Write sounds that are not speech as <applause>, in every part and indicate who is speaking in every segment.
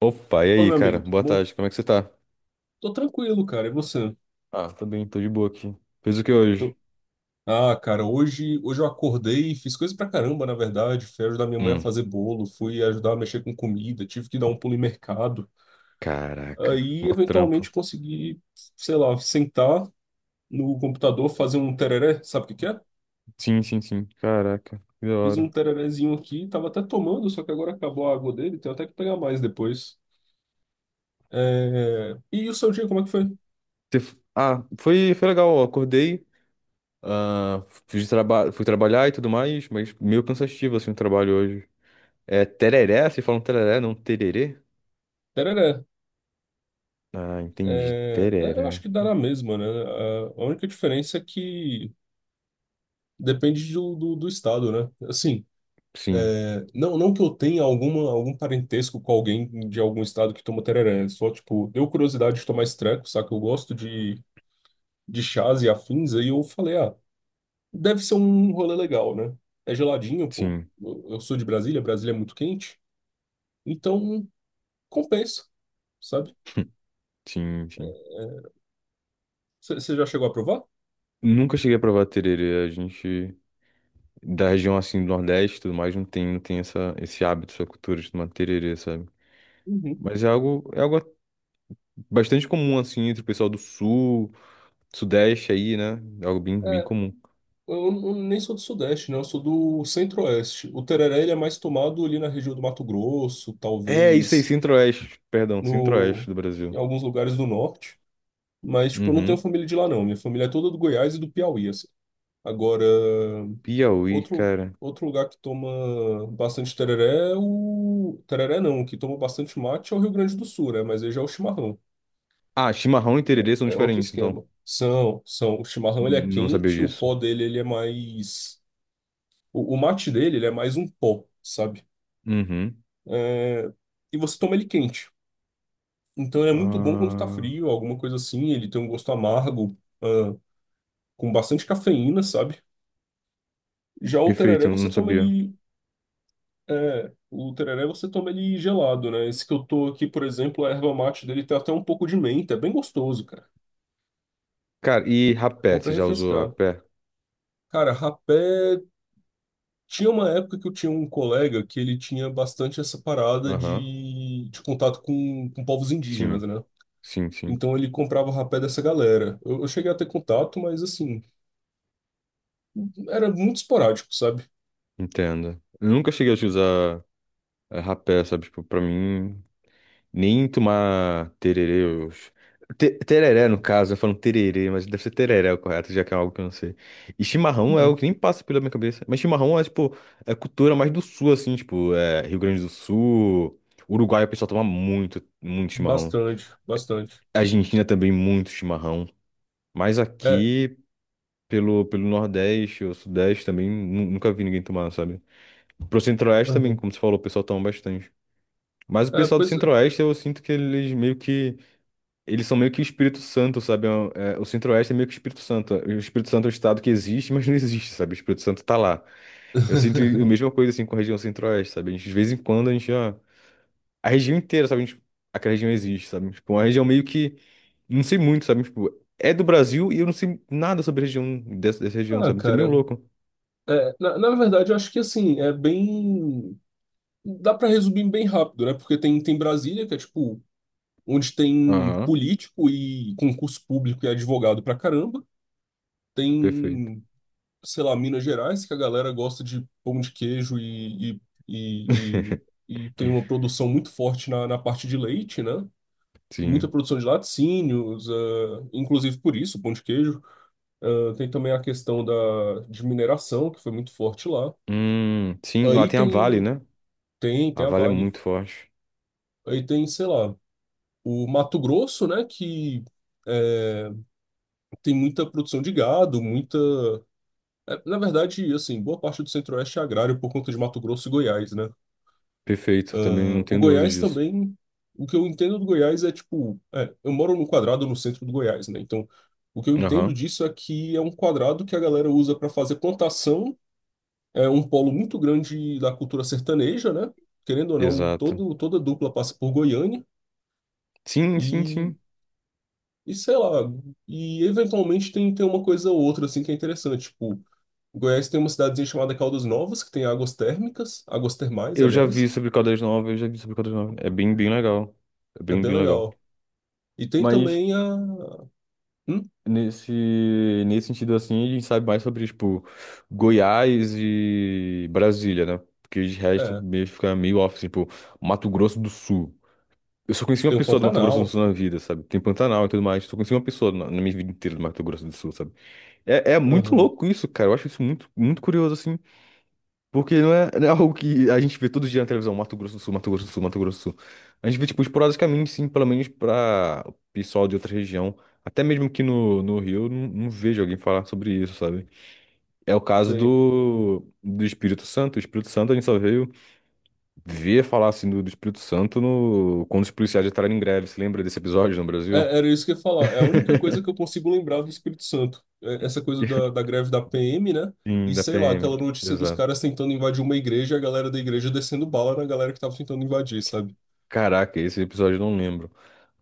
Speaker 1: Opa, e
Speaker 2: Fala,
Speaker 1: aí,
Speaker 2: meu
Speaker 1: cara?
Speaker 2: amigo, tudo
Speaker 1: Boa
Speaker 2: bom?
Speaker 1: tarde, como é que você tá?
Speaker 2: Tô tranquilo, cara. E você?
Speaker 1: Ah, tô bem, tô de boa aqui. Fez o que
Speaker 2: Tô-
Speaker 1: hoje?
Speaker 2: Ah, cara, hoje eu acordei, fiz coisa pra caramba, na verdade. Fui ajudar minha mãe a
Speaker 1: Hum,
Speaker 2: fazer bolo, fui ajudar a mexer com comida, tive que dar um pulo em mercado.
Speaker 1: caraca,
Speaker 2: Aí,
Speaker 1: mó
Speaker 2: eventualmente,
Speaker 1: trampo.
Speaker 2: consegui, sei lá, sentar no computador, fazer um tereré, sabe o que que é?
Speaker 1: Sim, sim, sim, caraca, que da
Speaker 2: Fiz um
Speaker 1: hora.
Speaker 2: tererézinho aqui, tava até tomando, só que agora acabou a água dele, tenho até que pegar mais depois. É, e o seu dia, como é que foi?
Speaker 1: Ah, foi legal, eu acordei, ah, fui, fui trabalhar e tudo mais, mas meio cansativo, assim, o trabalho hoje. É tereré? Vocês falam tereré, não tererê?
Speaker 2: Tereré.
Speaker 1: Ah, entendi,
Speaker 2: É, é, eu acho
Speaker 1: tereré.
Speaker 2: que dá na mesma, né? A única diferença é que depende do estado, né? Assim,
Speaker 1: Sim,
Speaker 2: é, não, não que eu tenha alguma, algum parentesco com alguém de algum estado que toma tereré, é só, tipo, deu curiosidade de tomar esse treco, saca? Eu gosto de chás e afins, aí eu falei, ah, deve ser um rolê legal, né? É geladinho, pô.
Speaker 1: sim,
Speaker 2: Eu sou de Brasília, Brasília é muito quente, então compensa, sabe?
Speaker 1: sim, sim.
Speaker 2: É, você já chegou a provar?
Speaker 1: Nunca cheguei a provar tererê, a gente... da região assim do Nordeste e tudo mais não tem, não tem essa, esse hábito, essa cultura de tomar tererê, sabe?
Speaker 2: Uhum.
Speaker 1: Mas é algo bastante comum assim entre o pessoal do Sul, Sudeste aí, né? É algo bem,
Speaker 2: É,
Speaker 1: bem comum.
Speaker 2: eu, eu nem sou do Sudeste, né? Eu sou do Centro-Oeste. O tereré, ele é mais tomado ali na região do Mato Grosso,
Speaker 1: É isso aí,
Speaker 2: talvez
Speaker 1: Centro-Oeste, perdão, Centro-Oeste
Speaker 2: no,
Speaker 1: do
Speaker 2: em
Speaker 1: Brasil.
Speaker 2: alguns lugares do norte, mas, tipo, eu não tenho
Speaker 1: Uhum.
Speaker 2: família de lá, não. Minha família é toda do Goiás e do Piauí, assim. Agora,
Speaker 1: Piauí,
Speaker 2: outro,
Speaker 1: cara.
Speaker 2: outro lugar que toma bastante tereré é o... Tereré não, que toma bastante mate é o Rio Grande do Sul, né? Mas aí já é o chimarrão.
Speaker 1: Ah, chimarrão e tererê são
Speaker 2: É outro
Speaker 1: diferentes, então.
Speaker 2: esquema. São, são. O chimarrão, ele é
Speaker 1: Não sabia
Speaker 2: quente, o
Speaker 1: disso.
Speaker 2: pó dele, ele é mais... O mate dele, ele é mais um pó, sabe?
Speaker 1: Uhum.
Speaker 2: É, e você toma ele quente. Então, ele é muito bom quando tá
Speaker 1: Ah,
Speaker 2: frio, alguma coisa assim. Ele tem um gosto amargo. ah, com bastante cafeína, sabe? Já o tereré
Speaker 1: perfeito, eu
Speaker 2: você
Speaker 1: não
Speaker 2: toma
Speaker 1: sabia.
Speaker 2: ele. É, o tereré você toma ele gelado, né? Esse que eu tô aqui, por exemplo, a erva mate dele tem até um pouco de menta, é bem gostoso, cara.
Speaker 1: Cara, e
Speaker 2: É
Speaker 1: rapé,
Speaker 2: bom pra
Speaker 1: você já usou
Speaker 2: refrescar.
Speaker 1: rapé?
Speaker 2: Cara, rapé. Tinha uma época que eu tinha um colega que ele tinha bastante essa parada
Speaker 1: Aham.
Speaker 2: de contato com povos indígenas,
Speaker 1: Sim,
Speaker 2: né?
Speaker 1: sim, sim.
Speaker 2: Então ele comprava o rapé dessa galera. Eu cheguei a ter contato, mas assim, era muito esporádico, sabe?
Speaker 1: Entendo. Eu nunca cheguei a usar rapé, sabe? Tipo, pra mim, nem tomar tererê. Tereré, no caso, eu falo tererê, mas deve ser tereré o correto, já que é algo que eu não sei. E chimarrão é o que nem passa pela minha cabeça. Mas chimarrão é, tipo, é cultura mais do sul, assim, tipo, é Rio Grande do Sul, Uruguai, o pessoal toma muito, muito chimarrão.
Speaker 2: Bastante, bastante.
Speaker 1: Argentina também, muito chimarrão. Mas
Speaker 2: É,
Speaker 1: aqui, pelo Nordeste ou Sudeste também, nunca vi ninguém tomar, sabe? Pro Centro-Oeste também,
Speaker 2: aham.
Speaker 1: como você falou, o pessoal toma bastante. Mas o
Speaker 2: É,
Speaker 1: pessoal do
Speaker 2: pois é.
Speaker 1: Centro-Oeste, eu sinto que eles meio que. Eles são meio que o Espírito Santo, sabe? É, o Centro-Oeste é meio que o Espírito Santo. O Espírito Santo é um estado que existe, mas não existe, sabe? O Espírito Santo tá lá. Eu sinto a mesma coisa assim com a região Centro-Oeste, sabe? A gente, de vez em quando a gente já. A região inteira, sabe? A gente... Aquela região existe, sabe? Tipo, uma região meio que. Não sei muito, sabe? Tipo, é do Brasil e eu não sei nada sobre a região dessa, dessa região,
Speaker 2: Ah,
Speaker 1: sabe? Isso é meio
Speaker 2: cara,
Speaker 1: louco.
Speaker 2: é, na, na verdade, eu acho que assim, é bem. Dá pra resumir bem rápido, né? Porque tem, tem Brasília, que é tipo, onde tem
Speaker 1: Aham,
Speaker 2: político e concurso público e advogado pra caramba.
Speaker 1: perfeito.
Speaker 2: Tem, sei lá, Minas Gerais, que a galera gosta de pão de queijo e, e,
Speaker 1: <laughs>
Speaker 2: e tem uma produção muito forte na, na parte de leite, né? Muita
Speaker 1: Sim.
Speaker 2: produção de laticínios, eh, inclusive por isso, pão de queijo. Ah, tem também a questão da, de mineração, que foi muito forte lá.
Speaker 1: Sim, lá
Speaker 2: Aí
Speaker 1: tem a Vale,
Speaker 2: tem,
Speaker 1: né?
Speaker 2: tem, tem
Speaker 1: A
Speaker 2: a
Speaker 1: Vale é
Speaker 2: Vale.
Speaker 1: muito forte.
Speaker 2: Aí tem, sei lá, o Mato Grosso, né, que é, tem muita produção de gado, muita... é, na verdade, assim, boa parte do Centro-Oeste é agrário por conta de Mato Grosso e Goiás, né?
Speaker 1: Perfeito, também não
Speaker 2: Ah, o
Speaker 1: tenho dúvidas
Speaker 2: Goiás
Speaker 1: disso.
Speaker 2: também... O que eu entendo do Goiás é, tipo... é, eu moro num quadrado no centro do Goiás, né? Então, o que eu entendo
Speaker 1: Aham,
Speaker 2: disso é que é um quadrado que a galera usa para fazer plantação. É um polo muito grande da cultura sertaneja, né? Querendo ou não,
Speaker 1: exato.
Speaker 2: todo, toda dupla passa por Goiânia
Speaker 1: Sim, sim,
Speaker 2: e,
Speaker 1: sim.
Speaker 2: e sei lá, e eventualmente tem, tem uma coisa ou outra assim que é interessante. Tipo, Goiás tem uma cidadezinha chamada Caldas Novas, que tem águas térmicas, águas termais,
Speaker 1: Eu já vi
Speaker 2: aliás.
Speaker 1: sobre Caldas Novas, eu já vi sobre Caldas Novas. É bem, bem legal. É
Speaker 2: É
Speaker 1: bem,
Speaker 2: bem
Speaker 1: bem legal.
Speaker 2: legal. E tem
Speaker 1: Mas
Speaker 2: também a. Hum?
Speaker 1: nesse, nesse sentido assim, a gente sabe mais sobre, tipo, Goiás e Brasília, né? Porque de resto
Speaker 2: É,
Speaker 1: mesmo fica meio off, assim, tipo, Mato Grosso do Sul. Eu só conheci uma
Speaker 2: tem o
Speaker 1: pessoa do Mato Grosso do
Speaker 2: Pantanal.
Speaker 1: Sul na vida, sabe? Tem Pantanal e tudo mais. Só conheci uma pessoa na minha vida inteira do Mato Grosso do Sul, sabe? É, é muito
Speaker 2: Aham.
Speaker 1: louco isso, cara. Eu acho isso muito, muito curioso, assim. Porque não é <laughs> algo que a gente vê todo dia na televisão, Mato Grosso do Sul, Mato Grosso do Sul, Mato Grosso do Sul. A gente vê, tipo, esporadicamente, sim, pelo menos pra o pessoal de outra região. Até mesmo aqui no Rio, eu não, não vejo alguém falar sobre isso, sabe? É o caso
Speaker 2: Sei.
Speaker 1: do Espírito Santo. O Espírito Santo a gente só veio ver falar, assim, do Espírito Santo no, quando os policiais entraram em greve. Você lembra desse episódio no Brasil?
Speaker 2: É, era isso que eu ia falar. É a única coisa que eu consigo lembrar do Espírito Santo. É essa coisa da,
Speaker 1: <laughs>
Speaker 2: da greve da PM, né? E
Speaker 1: Sim, da
Speaker 2: sei lá,
Speaker 1: PM,
Speaker 2: aquela notícia dos
Speaker 1: exato.
Speaker 2: caras tentando invadir uma igreja e a galera da igreja descendo bala na galera que tava tentando invadir, sabe?
Speaker 1: Caraca, esse episódio eu não lembro.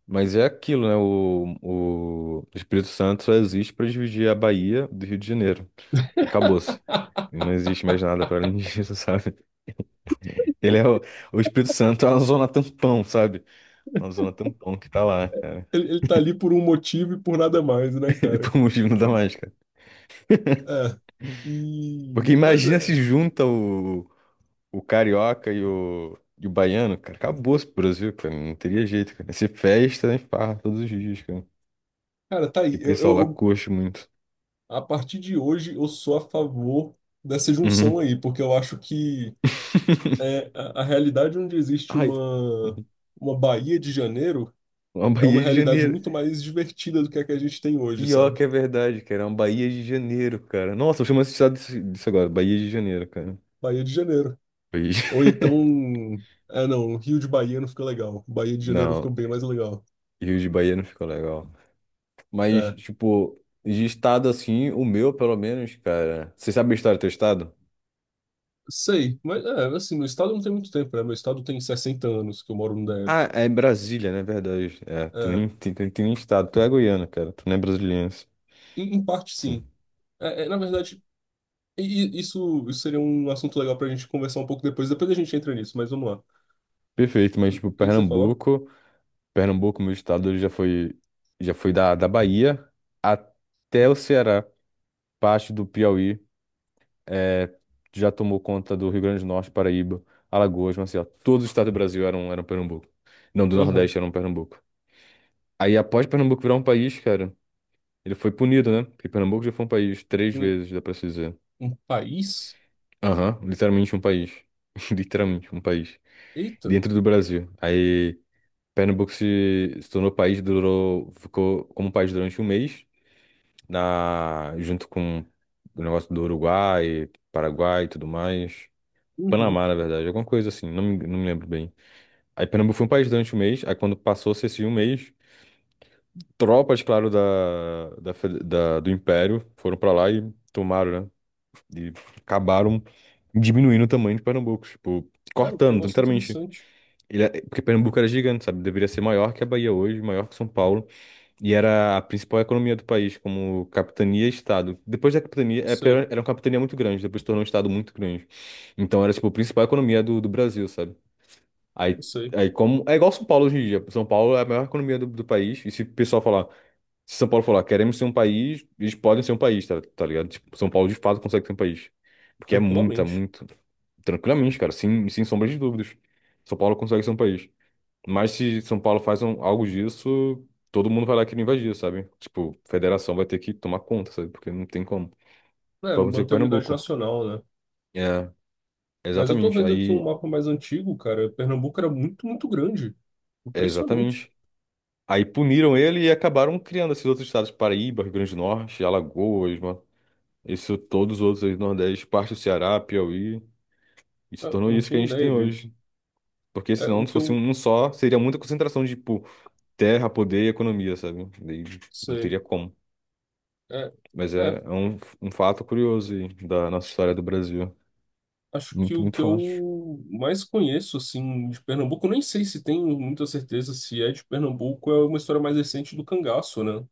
Speaker 1: Mas é aquilo, né? O Espírito Santo só existe para dividir a Bahia do Rio de Janeiro. E acabou-se.
Speaker 2: <laughs>
Speaker 1: Não existe mais nada para além disso, <laughs> sabe? Ele é o, o Espírito Santo é uma zona tampão, sabe? Uma zona tampão que tá lá, cara.
Speaker 2: Ele tá ali por um motivo e por nada mais, né,
Speaker 1: <laughs> E
Speaker 2: cara?
Speaker 1: por motivo não dá mais, cara.
Speaker 2: É.
Speaker 1: Porque
Speaker 2: E... Mas
Speaker 1: imagina se
Speaker 2: é.
Speaker 1: junta o carioca e o baiano, cara. Acabou-se o Brasil, cara. Não teria jeito, cara. Ia ser festa, né? Farra todos os dias, cara.
Speaker 2: Cara, tá
Speaker 1: E
Speaker 2: aí.
Speaker 1: o pessoal lá coxa muito.
Speaker 2: A partir de hoje, eu sou a favor dessa junção
Speaker 1: Uhum.
Speaker 2: aí, porque eu acho que
Speaker 1: <laughs>
Speaker 2: é, a realidade onde existe
Speaker 1: Ai.
Speaker 2: uma Bahia de Janeiro
Speaker 1: Uma
Speaker 2: é uma
Speaker 1: Bahia de
Speaker 2: realidade
Speaker 1: Janeiro.
Speaker 2: muito mais divertida do que a gente tem hoje,
Speaker 1: Pior
Speaker 2: sabe?
Speaker 1: que é verdade, cara. É uma Bahia de Janeiro, cara. Nossa, eu chamo esse estado disso disso agora. Bahia de Janeiro, cara.
Speaker 2: Bahia de Janeiro.
Speaker 1: Bahia
Speaker 2: Ou
Speaker 1: de- <laughs>
Speaker 2: então. Ah, não, Rio de Bahia não fica legal. Bahia de Janeiro
Speaker 1: Não,
Speaker 2: fica bem mais legal.
Speaker 1: Rio de Bahia não ficou legal. Mas,
Speaker 2: É,
Speaker 1: tipo, de estado assim, o meu, pelo menos, cara. Você sabe a história do teu estado?
Speaker 2: sei, mas é, assim, meu estado não tem muito tempo, né? Meu estado tem 60 anos que eu moro no
Speaker 1: Ah,
Speaker 2: DF.
Speaker 1: é Brasília, né? Verdade. É, tu
Speaker 2: É,
Speaker 1: nem tem, tem, tem nem estado. Tu é goiano, cara. Tu não é brasiliense.
Speaker 2: em parte,
Speaker 1: Sim.
Speaker 2: sim. É, é, na verdade, e- e isso seria um assunto legal pra gente conversar um pouco depois. Depois a gente entra nisso, mas vamos lá. O
Speaker 1: Perfeito, mas,
Speaker 2: que,
Speaker 1: tipo,
Speaker 2: que você falou?
Speaker 1: Pernambuco. Pernambuco, meu estado, já foi da Bahia até o Ceará, parte do Piauí. eh, já tomou conta do Rio Grande do Norte, Paraíba, Alagoas, Maceió. Todos os estados do Brasil eram Pernambuco. Não, do
Speaker 2: Aham.
Speaker 1: Nordeste eram Pernambuco. Aí, após Pernambuco virar um país, cara, ele foi punido, né? Porque Pernambuco já foi um país três
Speaker 2: Um,
Speaker 1: vezes, dá pra se dizer.
Speaker 2: um país?
Speaker 1: Aham, literalmente um país. <laughs> Literalmente um país.
Speaker 2: Eita.
Speaker 1: Dentro do Brasil. Aí, Pernambuco se, se tornou país, durou, ficou como país durante 1 mês, na, junto com o negócio do Uruguai, Paraguai e tudo mais.
Speaker 2: Uhum.
Speaker 1: Panamá, na verdade, alguma coisa assim, não me lembro bem. Aí Pernambuco foi um país durante um mês, aí quando passou esse 1 mês, tropas, claro, do Império foram pra lá e tomaram, né? E acabaram diminuindo o tamanho de Pernambuco, tipo,
Speaker 2: Cara, que
Speaker 1: cortando,
Speaker 2: negócio
Speaker 1: literalmente.
Speaker 2: interessante.
Speaker 1: Porque Pernambuco era gigante, sabe? Deveria ser maior que a Bahia hoje, maior que São Paulo, e era a principal economia do país, como capitania e estado. Depois da capitania, é porque
Speaker 2: Sei.
Speaker 1: era uma capitania muito grande, depois se tornou um estado muito grande. Então era, tipo, a principal economia do Brasil, sabe?
Speaker 2: Eu
Speaker 1: Aí,
Speaker 2: sei,
Speaker 1: aí como. É igual São Paulo hoje em dia. São Paulo é a maior economia do país. E se o pessoal falar, se São Paulo falar, queremos ser um país, eles podem ser um país, tá, tá ligado? Tipo, São Paulo de fato consegue ser um país. Porque é muita,
Speaker 2: tranquilamente.
Speaker 1: muito. Tranquilamente, cara, sem, sem sombra de dúvidas. São Paulo consegue ser um país. Mas se São Paulo algo disso, todo mundo vai lá querer invadir, sabe? Tipo, federação vai ter que tomar conta, sabe? Porque não tem como.
Speaker 2: É,
Speaker 1: Foi acontecer com o
Speaker 2: manter a unidade
Speaker 1: Pernambuco.
Speaker 2: nacional, né?
Speaker 1: É,
Speaker 2: Mas eu tô
Speaker 1: exatamente.
Speaker 2: vendo aqui um mapa mais antigo, cara. Pernambuco era muito, muito grande.
Speaker 1: É
Speaker 2: Impressionante.
Speaker 1: exatamente. Aí puniram ele e acabaram criando esses outros estados, Paraíba, Rio Grande do Norte, Alagoas, mano. Isso, todos os outros aí do Nordeste, parte do Ceará, Piauí, e
Speaker 2: É,
Speaker 1: se
Speaker 2: eu
Speaker 1: tornou
Speaker 2: não
Speaker 1: isso que a
Speaker 2: tinha
Speaker 1: gente
Speaker 2: ideia
Speaker 1: tem
Speaker 2: disso.
Speaker 1: hoje. Porque
Speaker 2: É, o
Speaker 1: senão, se
Speaker 2: que
Speaker 1: fosse
Speaker 2: eu
Speaker 1: um só, seria muita concentração de, tipo, terra, poder e economia, sabe? Daí não
Speaker 2: sei.
Speaker 1: teria como.
Speaker 2: É,
Speaker 1: Mas é,
Speaker 2: é,
Speaker 1: é um, um fato curioso aí da nossa história do Brasil.
Speaker 2: acho que
Speaker 1: Muito,
Speaker 2: o
Speaker 1: muito
Speaker 2: que
Speaker 1: forte.
Speaker 2: eu mais conheço, assim, de Pernambuco, eu nem sei se tenho muita certeza se é de Pernambuco, é uma história mais recente do cangaço, né?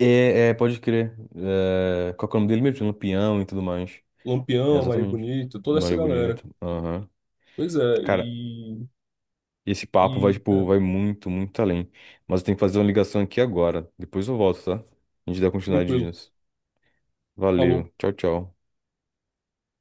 Speaker 1: É, é, pode crer. É, qual que é o nome dele mesmo? Lampião e tudo mais. É,
Speaker 2: Lampião, Maria
Speaker 1: exatamente.
Speaker 2: Bonita, toda essa
Speaker 1: Maria
Speaker 2: galera.
Speaker 1: Bonita. Aham.
Speaker 2: Pois é,
Speaker 1: Cara,
Speaker 2: e.
Speaker 1: e esse papo vai,
Speaker 2: E
Speaker 1: tipo,
Speaker 2: é,
Speaker 1: vai muito, muito além. Mas eu tenho que fazer uma ligação aqui agora. Depois eu volto, tá? A gente dá continuidade
Speaker 2: tranquilo.
Speaker 1: nisso.
Speaker 2: Falou.
Speaker 1: Valeu. Tchau, tchau.